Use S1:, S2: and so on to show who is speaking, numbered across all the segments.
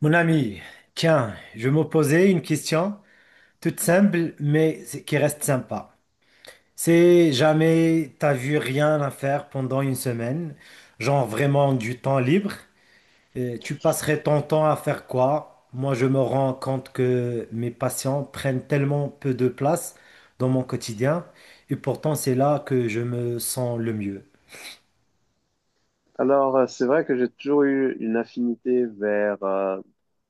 S1: Mon ami, tiens, je me posais une question toute simple, mais qui reste sympa. C'est jamais t'as vu rien à faire pendant une semaine, genre vraiment du temps libre, tu passerais ton temps à faire quoi? Moi, je me rends compte que mes patients prennent tellement peu de place dans mon quotidien, et pourtant c'est là que je me sens le mieux.
S2: C'est vrai que j'ai toujours eu une affinité vers, euh,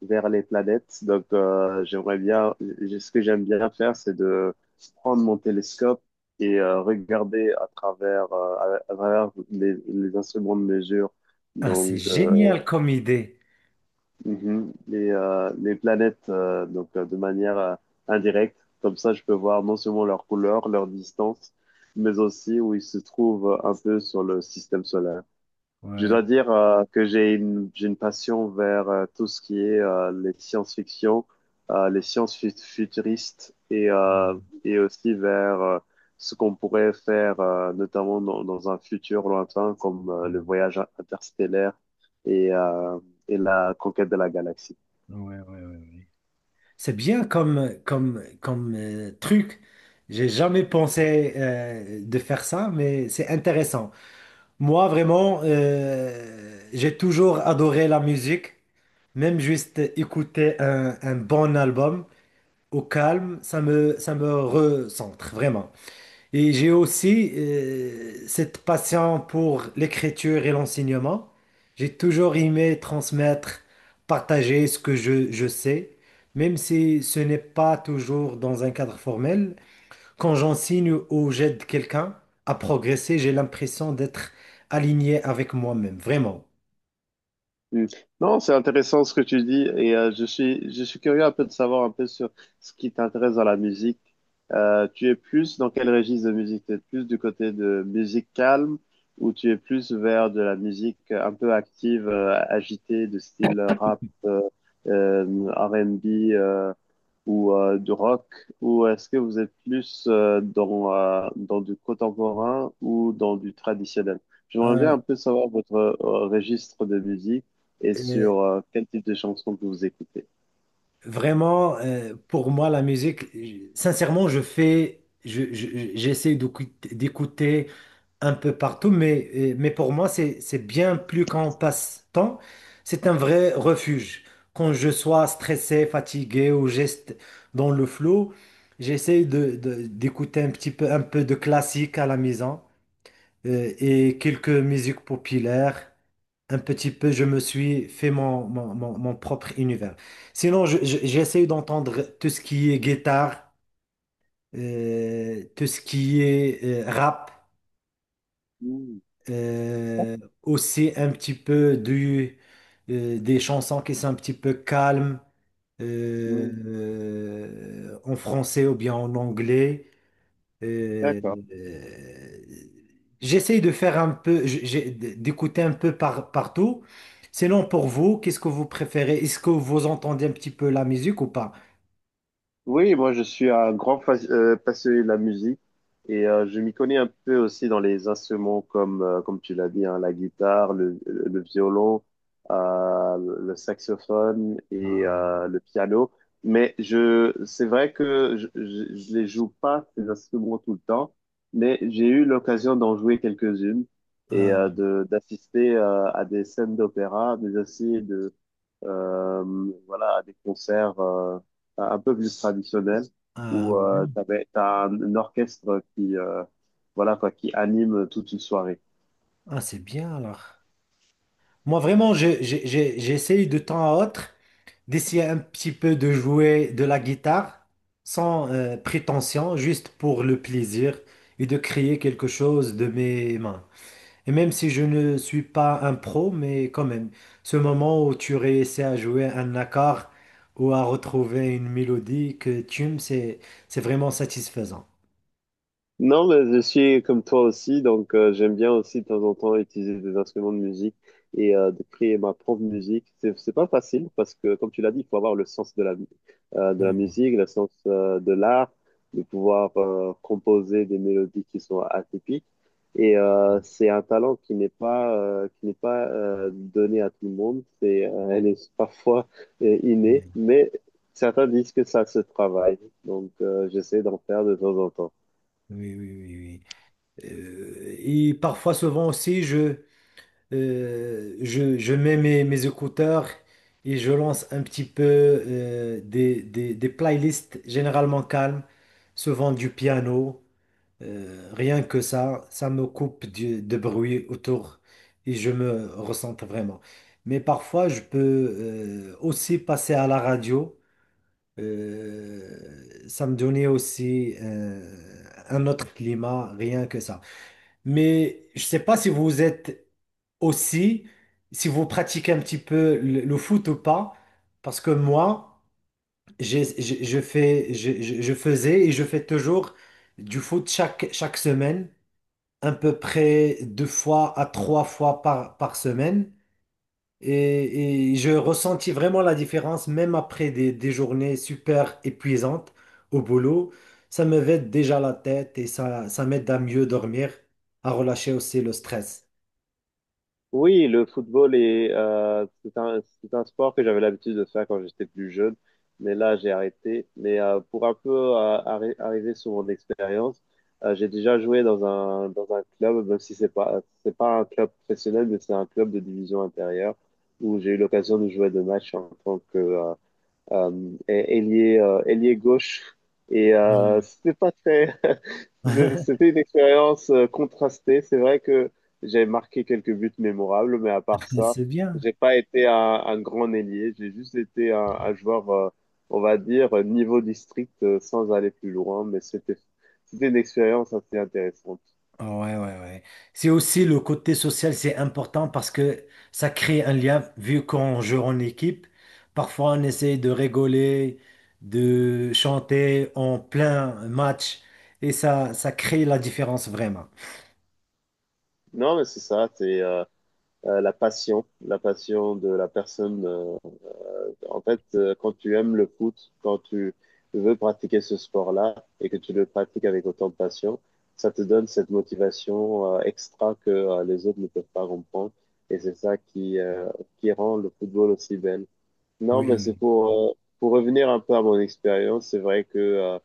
S2: vers les planètes. J'aimerais bien, ce que j'aime bien faire, c'est de prendre mon télescope et regarder à à travers les instruments de mesure,
S1: Ah, c'est
S2: donc euh,
S1: génial comme idée.
S2: les planètes de manière indirecte. Comme ça, je peux voir non seulement leur couleur, leur distance, mais aussi où ils se trouvent un peu sur le système solaire. Je
S1: Ouais.
S2: dois dire que j'ai une passion vers tout ce qui est les science-fiction, euh, futuristes et
S1: Mm.
S2: et aussi vers ce qu'on pourrait faire notamment dans un futur lointain comme le
S1: Mm.
S2: voyage interstellaire et, euh, et la conquête de la galaxie.
S1: Ouais, ouais, ouais, ouais. C'est bien comme truc. J'ai jamais pensé de faire ça, mais c'est intéressant. Moi, vraiment, j'ai toujours adoré la musique. Même juste écouter un bon album au calme, ça me recentre, vraiment. Et j'ai aussi cette passion pour l'écriture et l'enseignement. J'ai toujours aimé transmettre, partager ce que je sais, même si ce n'est pas toujours dans un cadre formel. Quand j'enseigne ou j'aide quelqu'un à progresser, j'ai l'impression d'être aligné avec moi-même, vraiment.
S2: Mm. Non, c'est intéressant ce que tu dis et je suis curieux un peu de savoir un peu sur ce qui t'intéresse dans la musique. Tu es plus dans quel registre de musique? Tu es plus du côté de musique calme ou tu es plus vers de la musique un peu active, agitée, de style rap, euh, R&B. euh, ou du rock, ou est-ce que vous êtes plus dans du contemporain ou dans du traditionnel? J'aimerais bien
S1: Hein,
S2: un peu savoir votre registre de musique et
S1: euh,
S2: sur quel type de chansons que vous écoutez.
S1: vraiment, pour moi, la musique, sincèrement, je fais, je- j'essaie d'écouter un peu partout, mais pour moi, c'est bien plus qu'un passe-temps, c'est un vrai refuge. Quand je sois stressé, fatigué ou geste dans le flou, d'écouter un petit peu, un peu de classique à la maison et quelques musiques populaires. Un petit peu, je me suis fait mon propre univers. Sinon, j'essaie d'entendre tout ce qui est guitare, tout ce qui est rap.
S2: Hmm,
S1: Euh, aussi un petit peu des chansons qui sont un petit peu calmes
S2: hmm,
S1: en français ou bien en anglais. Euh,
S2: d'accord.
S1: euh, j'essaye de faire un peu, d'écouter un peu partout. Sinon, pour vous, qu'est-ce que vous préférez? Est-ce que vous entendez un petit peu la musique ou pas?
S2: Oui, moi je suis un grand passionné de la musique et je m'y connais un peu aussi dans les instruments comme, comme tu l'as dit, hein, la guitare, le violon, le saxophone et
S1: Ah,
S2: le piano. Mais c'est vrai que je les joue pas ces instruments tout le temps, mais j'ai eu l'occasion d'en jouer quelques-unes et
S1: ah,
S2: de d'assister à des scènes d'opéra, mais aussi voilà, à des concerts un peu plus traditionnels
S1: ah,
S2: où
S1: oui.
S2: t'as un orchestre qui, voilà, quoi, qui anime toute une soirée.
S1: Ah, c'est bien alors. Moi, vraiment, j'essaye de temps à autre d'essayer un petit peu de jouer de la guitare sans prétention, juste pour le plaisir et de créer quelque chose de mes mains. Et même si je ne suis pas un pro, mais quand même, ce moment où tu réussis à jouer un accord ou à retrouver une mélodie que tu aimes, c'est vraiment satisfaisant.
S2: Non, mais je suis comme toi aussi, donc j'aime bien aussi de temps en temps utiliser des instruments de musique et de créer ma propre musique. C'est pas facile parce que, comme tu l'as dit, il faut avoir le sens de la musique.
S1: Ah,
S2: Le sens de l'art, de pouvoir composer des mélodies qui sont atypiques. Et c'est un talent qui n'est pas donné à tout le monde. Elle est parfois innée,
S1: oui,
S2: mais certains disent que ça se travaille. Donc, j'essaie d'en faire de temps en temps.
S1: oui, oui, oui. Oui. Et parfois, souvent aussi, je mets mes écouteurs et je lance un petit peu des playlists généralement calmes, souvent du piano. Rien que ça me coupe du, de bruit autour et je me ressens vraiment. Mais parfois, je peux aussi passer à la radio. Ça me donnait aussi un autre climat, rien que ça. Mais je ne sais pas si vous êtes aussi si vous pratiquez un petit peu le foot ou pas, parce que moi, je faisais et je fais toujours du foot chaque semaine, à peu près deux fois à trois fois par semaine. Et je ressentis vraiment la différence, même après des journées super épuisantes au boulot. Ça me vide déjà la tête et ça m'aide à mieux dormir, à relâcher aussi le stress.
S2: Oui, le football c'est un sport que j'avais l'habitude de faire quand j'étais plus jeune, mais là j'ai arrêté. Mais pour un peu arriver sur mon expérience, j'ai déjà joué dans un club, même si c'est pas un club professionnel, mais c'est un club de division intérieure où j'ai eu l'occasion de jouer deux matchs en tant que, et- ailier, ailier gauche. Et
S1: Ouais.
S2: c'était pas très, c'était une expérience contrastée. C'est vrai que j'ai marqué quelques buts mémorables, mais à part ça,
S1: C'est bien.
S2: j'ai pas été un grand ailier. J'ai juste été un joueur, on va dire, niveau district, sans aller plus loin. C'était une expérience assez intéressante.
S1: Ah, ouais, ouais, ouais. C'est aussi le côté social, c'est important parce que ça crée un lien. Vu qu'on joue en équipe, parfois on essaie de rigoler, de chanter en plein match et ça crée la différence vraiment.
S2: Non, mais c'est ça, c'est la passion de la personne. Quand tu aimes le foot, quand tu veux pratiquer ce sport-là et que tu le pratiques avec autant de passion, ça te donne cette motivation extra que les autres ne peuvent pas comprendre. Et c'est ça qui rend le football aussi belle. Non,
S1: Oui,
S2: mais c'est
S1: oui,
S2: pour revenir un peu à mon expérience, c'est vrai que euh,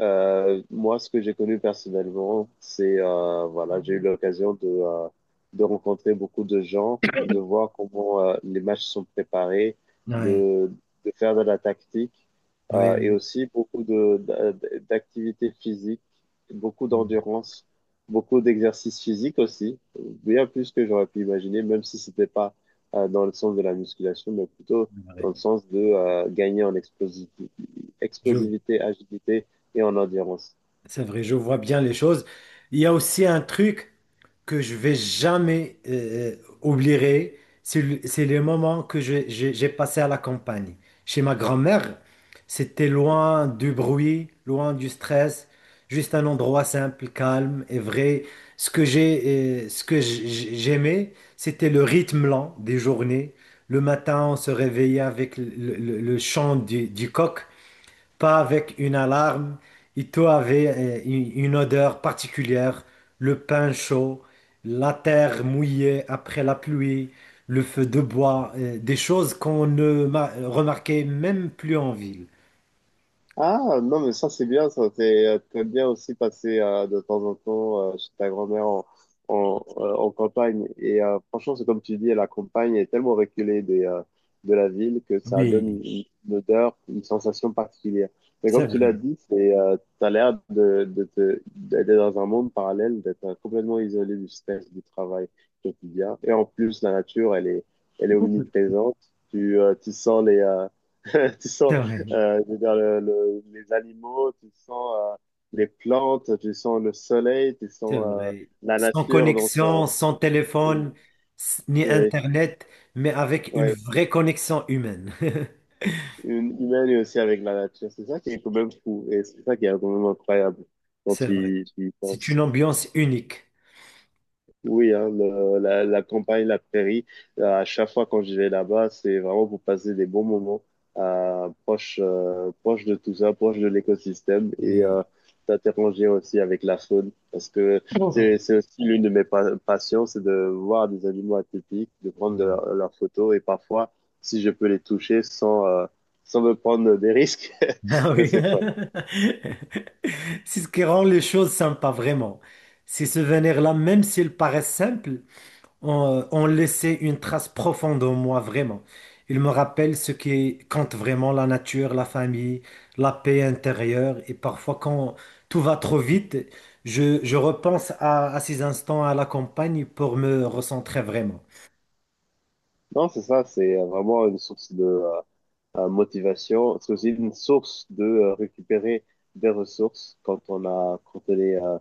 S2: euh, moi, ce que j'ai connu personnellement, voilà, j'ai eu l'occasion de rencontrer beaucoup de gens, de voir comment les matchs sont préparés,
S1: oui.
S2: de, de faire de la tactique, et
S1: Oui,
S2: aussi beaucoup d'activités physiques, beaucoup d'endurance, beaucoup d'exercices physiques aussi, bien plus que j'aurais pu imaginer, même si c'était pas dans le sens de la musculation, mais plutôt
S1: oui,
S2: dans le
S1: oui.
S2: sens de gagner en
S1: Je vois.
S2: explosivité, agilité et en endurance.
S1: C'est vrai, je vois bien les choses. Il y a aussi un truc que je vais jamais oublierai, c'est les moments que j'ai passé à la campagne. Chez ma grand-mère, c'était loin du bruit, loin du stress, juste un endroit simple, calme et vrai. Ce que j'aimais, c'était le rythme lent des journées. Le matin, on se réveillait avec le chant du coq, pas avec une alarme. Et tout avait une odeur particulière, le pain chaud, la terre mouillée après la pluie, le feu de bois, des choses qu'on ne remarquait même plus en ville.
S2: Ah, non, mais ça, c'est bien, ça. T'aimes bien aussi passer de temps en temps chez ta grand-mère en campagne. Et franchement, c'est comme tu dis, la campagne est tellement reculée de la ville que ça
S1: Oui,
S2: donne une odeur, une sensation particulière. Mais
S1: c'est
S2: comme tu l'as
S1: vrai,
S2: dit, t'as l'air d'être dans un monde parallèle, d'être complètement isolé du stress, du travail quotidien. Et en plus, la nature, elle est omniprésente. Tu sens Tu
S1: c'est
S2: sens,
S1: vrai,
S2: je veux dire, les animaux, tu sens les plantes, tu sens le soleil, tu
S1: c'est
S2: sens
S1: vrai.
S2: la
S1: Sans
S2: nature dans son...
S1: connexion, sans
S2: Oui,
S1: téléphone, ni
S2: oui,
S1: Internet, mais avec une
S2: oui.
S1: vraie connexion humaine.
S2: Une humaine et aussi avec la nature. C'est ça qui est quand même fou et c'est ça qui est quand même incroyable quand
S1: C'est vrai.
S2: tu y
S1: C'est une
S2: penses.
S1: ambiance unique.
S2: Oui, hein, la campagne, la prairie, à chaque fois quand je vais là-bas, c'est vraiment pour passer des bons moments proche de tout ça, proche de l'écosystème et
S1: Oui.
S2: t'interroger aussi avec la faune parce que c'est aussi l'une de mes passions, c'est de voir des animaux atypiques, de prendre de
S1: Voilà.
S2: leurs photos et parfois, si je peux les toucher sans, sans me prendre des risques,
S1: Ah
S2: ça
S1: oui.
S2: c'est fun.
S1: C'est ce qui rend les choses sympas, vraiment. Ces souvenirs-là, même s'ils paraissent simples, ont laissé une trace profonde en moi, vraiment. Ils me rappellent ce qui compte vraiment, la nature, la famille, la paix intérieure. Et parfois, quand tout va trop vite, je repense à ces instants à la campagne pour me recentrer vraiment.
S2: Non, c'est ça, c'est vraiment une source de motivation. Parce que C'est aussi une source de récupérer des ressources quand on euh,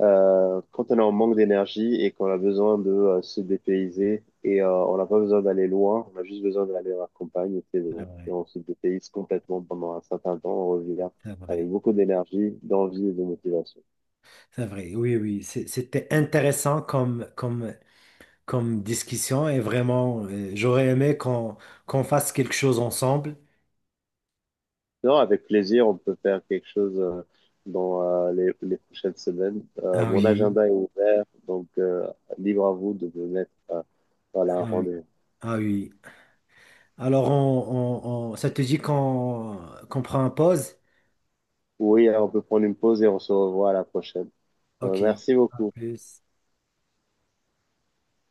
S2: euh, quand on est en manque d'énergie et qu'on a besoin de se dépayser. Et on n'a pas besoin d'aller loin, on a juste besoin d'aller à la campagne, et c'est
S1: C'est
S2: bon. Et
S1: vrai,
S2: on se dépayse complètement pendant un certain temps, on revient
S1: c'est
S2: avec
S1: vrai,
S2: beaucoup d'énergie, d'envie et de motivation.
S1: c'est vrai. Oui, oui, c'était intéressant comme comme discussion et vraiment, j'aurais aimé qu'on fasse quelque chose ensemble.
S2: Non, avec plaisir, on peut faire quelque chose dans les prochaines semaines.
S1: Ah
S2: Mon
S1: oui,
S2: agenda est ouvert, donc libre à vous de me mettre voilà, un
S1: ah oui,
S2: rendez-vous.
S1: ah oui. Alors, ça te dit qu'on prend une pause?
S2: Oui, on peut prendre une pause et on se revoit à la prochaine. Ouais,
S1: Ok,
S2: merci
S1: à
S2: beaucoup.
S1: plus.